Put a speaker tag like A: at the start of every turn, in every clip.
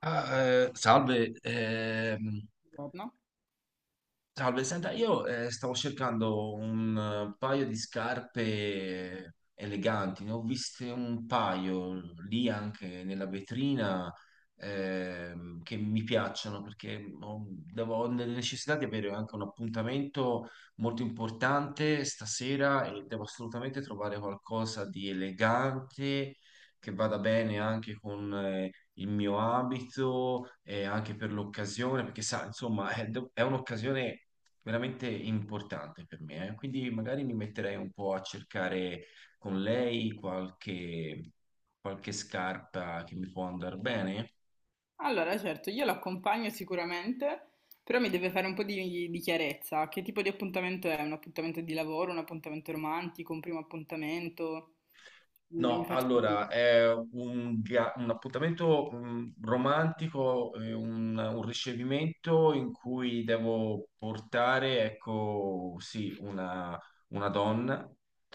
A: Salve,
B: Giorno.
A: salve, senta, io stavo cercando un paio di scarpe eleganti, ne ho viste un paio lì anche nella vetrina che mi piacciono perché ho, ho la necessità di avere anche un appuntamento molto importante stasera e devo assolutamente trovare qualcosa di elegante che vada bene anche con il mio abito e anche per l'occasione, perché sa, insomma, è, è un'occasione veramente importante per me, eh. Quindi magari mi metterei un po' a cercare con lei qualche scarpa che mi può andare bene.
B: Allora, certo, io l'accompagno sicuramente, però mi deve fare un po' di chiarezza. Che tipo di appuntamento è? Un appuntamento di lavoro, un appuntamento romantico, un primo appuntamento? Mi
A: No,
B: faccio capire.
A: allora è un appuntamento romantico, eh, un ricevimento in cui devo portare, ecco, sì, una donna.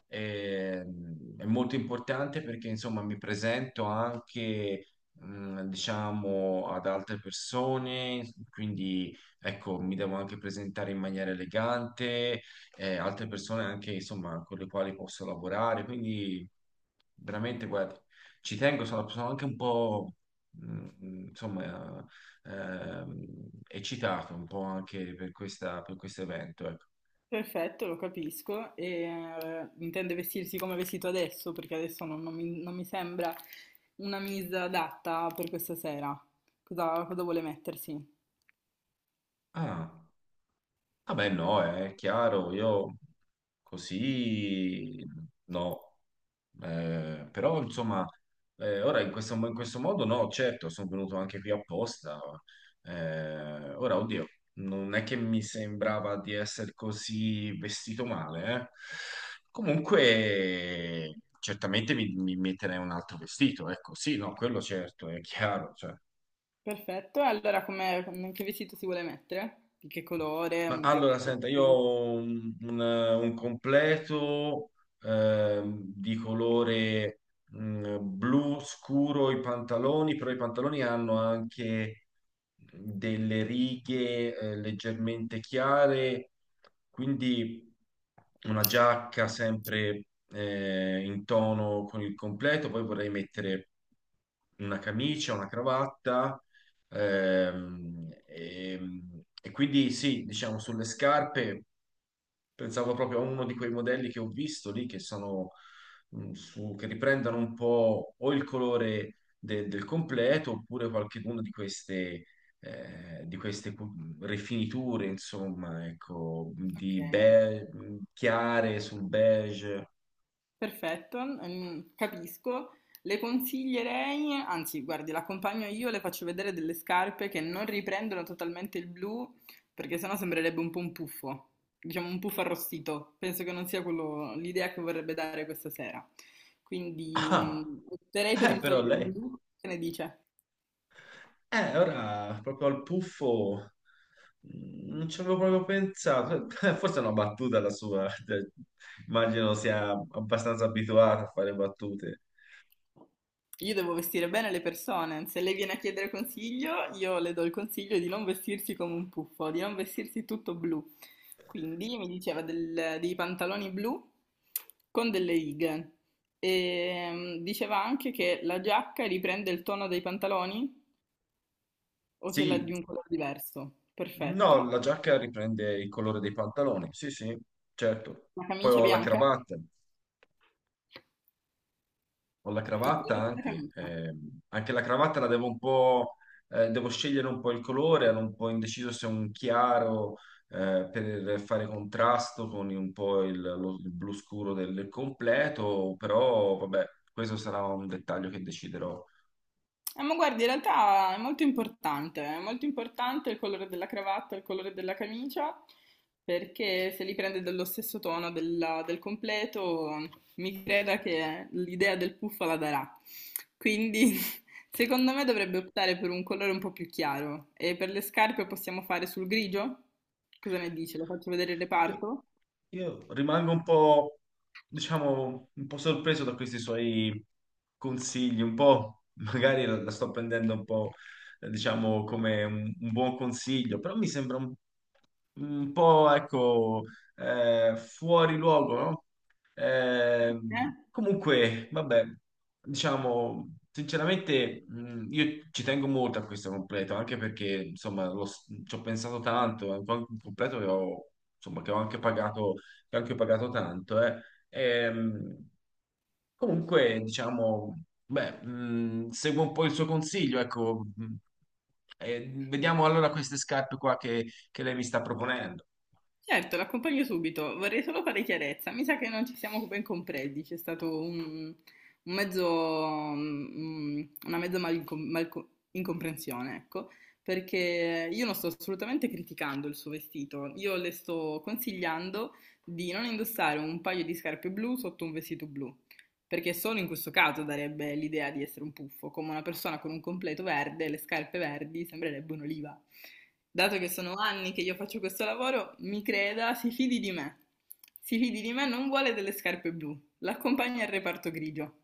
A: E, mm, è molto importante perché, insomma, mi presento anche, mm, diciamo, ad altre persone, quindi, ecco, mi devo anche presentare in maniera elegante altre persone anche insomma con le quali posso lavorare. Quindi veramente, guarda, ci tengo, sono, sono anche un po' mh, insomma eccitato un po' anche per questa, per questo evento. Ecco.
B: Perfetto, lo capisco. Intende vestirsi come è vestito adesso? Perché adesso non, non mi, non mi sembra una misa adatta per questa sera. Cosa, cosa vuole mettersi?
A: Ah, vabbè, no, è chiaro, io così no. Però insomma, ora in questo modo no, certo, sono venuto anche qui apposta. Ora, oddio, non è che mi sembrava di essere così vestito male, eh. Comunque, certamente mi, mi metterei un altro vestito, ecco, sì, no, quello certo, è chiaro, cioè.
B: Perfetto, e allora com'è- che vestito si vuole mettere? Di che colore?
A: Ma
B: Un tre
A: allora, senta, io
B: pezzi?
A: ho un, un completo di colore blu scuro i pantaloni, però i pantaloni hanno anche delle righe leggermente chiare, quindi una giacca sempre in tono con il completo, poi vorrei mettere una camicia, una cravatta. E quindi sì, diciamo sulle scarpe. Pensavo proprio a uno di quei modelli che ho visto lì, che sono su, che riprendono un po' o il colore del completo, oppure qualcuno di queste rifiniture, insomma, ecco,
B: Ok.
A: di chiare sul beige.
B: Perfetto, capisco. Le consiglierei, anzi, guardi, l'accompagno io, le faccio vedere delle scarpe che non riprendono totalmente il blu, perché sennò sembrerebbe un po' un puffo, diciamo un puffo arrostito. Penso che non sia quello l'idea che vorrebbe dare questa sera. Quindi,
A: Ah,
B: opterei per il
A: però
B: togliere il
A: lei.
B: blu, che ne dice?
A: Ora proprio al puffo non ci avevo proprio pensato. Forse è una battuta la sua. Cioè, immagino sia abbastanza abituata a fare battute.
B: Io devo vestire bene le persone, se lei viene a chiedere consiglio, io le do il consiglio di non vestirsi come un puffo, di non vestirsi tutto blu. Quindi mi diceva del- dei pantaloni blu con delle righe. E diceva anche che la giacca riprende il tono dei pantaloni o ce l'ha
A: Sì,
B: di un colore diverso.
A: no,
B: Perfetto.
A: la giacca riprende il colore dei pantaloni. Sì, sì, certo.
B: La
A: Poi
B: camicia
A: ho la
B: bianca,
A: cravatta. Ho la
B: il
A: cravatta
B: colore della
A: anche,
B: camicia.
A: anche la cravatta la devo un po', devo scegliere un po' il colore, ero un po' indeciso se un chiaro per fare contrasto con un po' il blu scuro del, del completo, però vabbè, questo sarà un dettaglio che deciderò.
B: Ma guarda, in realtà è molto importante il colore della cravatta, il colore della camicia, perché se li prende dello stesso tono della- del completo, mi creda che l'idea del puffa la darà. Quindi, secondo me dovrebbe optare per un colore un po' più chiaro. E per le scarpe possiamo fare sul grigio? Cosa ne dici? Lo faccio vedere il
A: Io,
B: reparto?
A: io rimango un po', diciamo, un po' sorpreso da questi suoi consigli, un po', magari la, la sto prendendo un po', diciamo, come un buon consiglio, però mi sembra un po', ecco, fuori luogo, no?
B: Eh?
A: Ehm, Comunque, vabbè, diciamo, sinceramente, io ci tengo molto a questo completo, anche perché, insomma, ci ho pensato tanto, è un po' un completo che ho, insomma, che ho anche pagato tanto, eh. Ehm, Comunque, diciamo, beh, seguo un po' il suo consiglio, ecco, e vediamo allora queste scarpe qua che lei mi sta proponendo.
B: Certo, l'accompagno subito. Vorrei solo fare chiarezza. Mi sa che non ci siamo ben compresi. C'è stato un mezzo, mm, una mezza malinco- malco- incomprensione, ecco, perché io non sto assolutamente criticando il suo vestito. Io le sto consigliando di non indossare un paio di scarpe blu sotto un vestito blu. Perché solo in questo caso darebbe l'idea di essere un puffo, come una persona con un completo verde e le scarpe verdi sembrerebbe un'oliva. Dato che sono anni che io faccio questo lavoro, mi creda, si fidi di me. Si fidi di me, non vuole delle scarpe blu, l'accompagna al reparto grigio.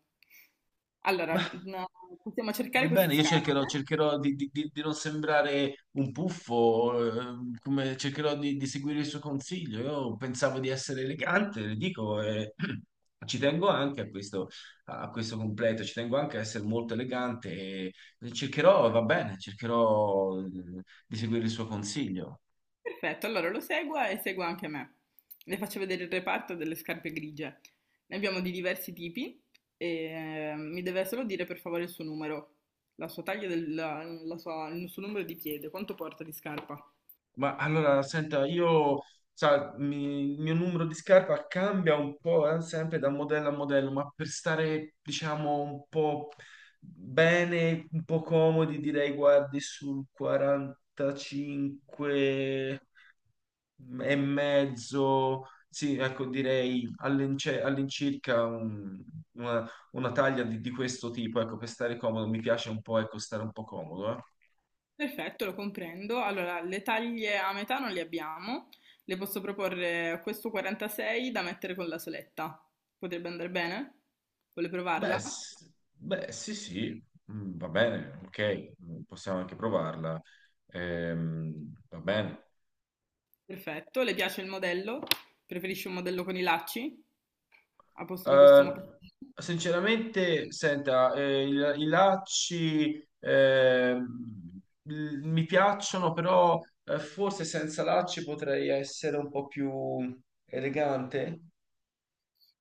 B: Allora, no, possiamo
A: Va
B: cercare queste
A: bene, io
B: scarpe.
A: cercherò di, di non sembrare un puffo, come- cercherò di seguire il suo consiglio. Io pensavo di essere elegante, le dico, e ci tengo anche a questo completo, ci tengo anche a essere molto elegante e cercherò, va bene, cercherò di seguire il suo consiglio.
B: Perfetto, allora lo segua e segua anche me. Le faccio vedere il reparto delle scarpe grigie. Ne abbiamo di diversi tipi e mi deve solo dire per favore il suo numero, la sua taglia, del, la- la sua- il suo numero di piede, quanto porta di scarpa.
A: Ma allora, senta, io, sa, il mio numero di scarpa cambia un po', sempre da modello a modello, ma per stare, diciamo, un po' bene, un po' comodi, direi guardi sul 45 e mezzo, sì, ecco, direi all'incirca una taglia di questo tipo, ecco, per stare comodo, mi piace un po', ecco, stare un po' comodo, eh.
B: Perfetto, lo comprendo. Allora, le taglie a metà non le abbiamo. Le posso proporre questo 46 da mettere con la soletta. Potrebbe andare bene? Vuole
A: Beh,
B: provarla?
A: s- Beh, sì, sì, mm, va bene, ok, mm, possiamo anche provarla. Va bene.
B: Perfetto, le piace il modello? Preferisce un modello con i lacci? A posto di questo
A: Eh,
B: moccasino.
A: sinceramente, senta, i lacci mi piacciono, però forse senza lacci potrei essere un po' più elegante.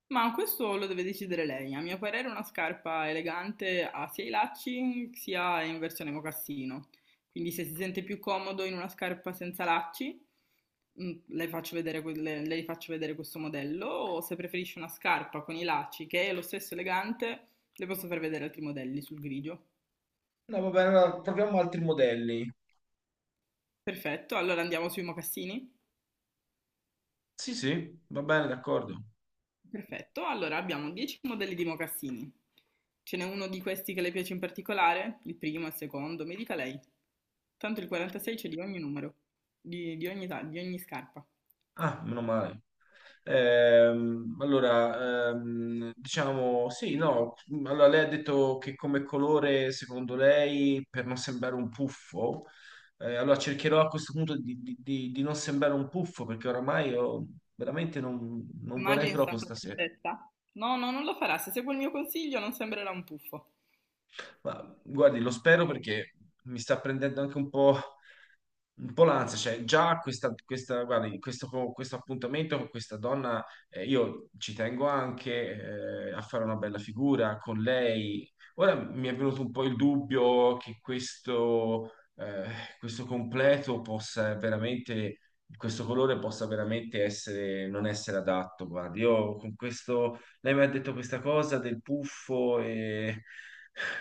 B: Ma questo lo deve decidere lei. A mio parere, una scarpa elegante ha sia i lacci sia in versione mocassino. Quindi, se si sente più comodo in una scarpa senza lacci, le faccio vedere, que- le faccio vedere questo modello. O se preferisce una scarpa con i lacci che è lo stesso elegante, le posso far vedere altri modelli sul grigio.
A: No, va bene, allora proviamo altri modelli.
B: Perfetto, allora andiamo sui mocassini.
A: Sì, sì, va bene, d'accordo.
B: Perfetto, allora abbiamo 10 modelli di mocassini. Ce n'è uno di questi che le piace in particolare? Il primo, il secondo, mi dica lei. Tanto il 46 c'è di ogni numero, di ogni, ta- di ogni scarpa.
A: Ah, meno male. Diciamo, sì, no, allora lei ha detto che come colore, secondo lei, per non sembrare un puffo, allora cercherò a questo punto di, di non sembrare un puffo, perché oramai io veramente non vorrei
B: Immagini in
A: proprio
B: santa
A: stasera.
B: tristezza? No, no, non lo farà. Se segue il mio consiglio non sembrerà un puffo.
A: Ma guardi, lo spero perché mi sta prendendo anche un po' l'ansia, cioè già questa, guardi, questo appuntamento con questa donna, io ci tengo anche a fare una bella figura con lei. Ora mi è venuto un po' il dubbio che questo, questo completo possa veramente, questo colore possa veramente essere, non essere adatto. Guardi, io con questo, lei mi ha detto questa cosa del puffo e...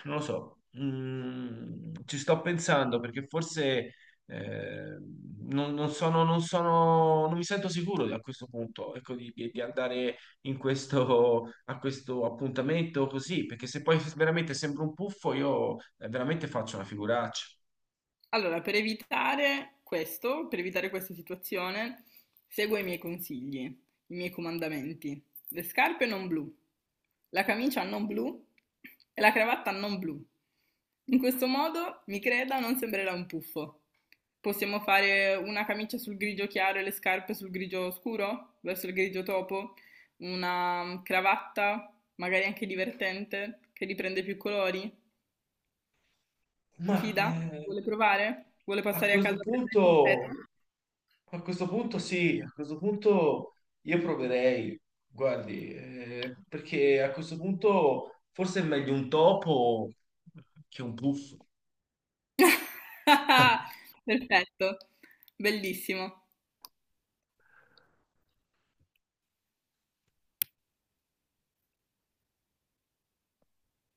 A: Non lo so, mm, ci sto pensando perché forse eh, non mi sento sicuro a questo punto, ecco, di, di andare in questo, a questo appuntamento così, perché se poi veramente sembro un puffo, io veramente faccio una figuraccia.
B: Allora, per evitare questo, per evitare questa situazione, seguo i miei consigli, i miei comandamenti. Le scarpe non blu, la camicia non blu e la cravatta non blu. In questo modo, mi creda, non sembrerà un puffo. Possiamo fare una camicia sul grigio chiaro e le scarpe sul grigio scuro, verso il grigio topo, una cravatta, magari anche divertente, che riprende più colori, si
A: Ma
B: fida? Vuole provare? Vuole
A: a
B: passare a
A: questo
B: casa a prendere il completo?
A: punto. A questo punto sì, a questo punto io proverei, guardi, perché a questo punto forse è meglio un topo che un puff.
B: Perfetto, bellissimo.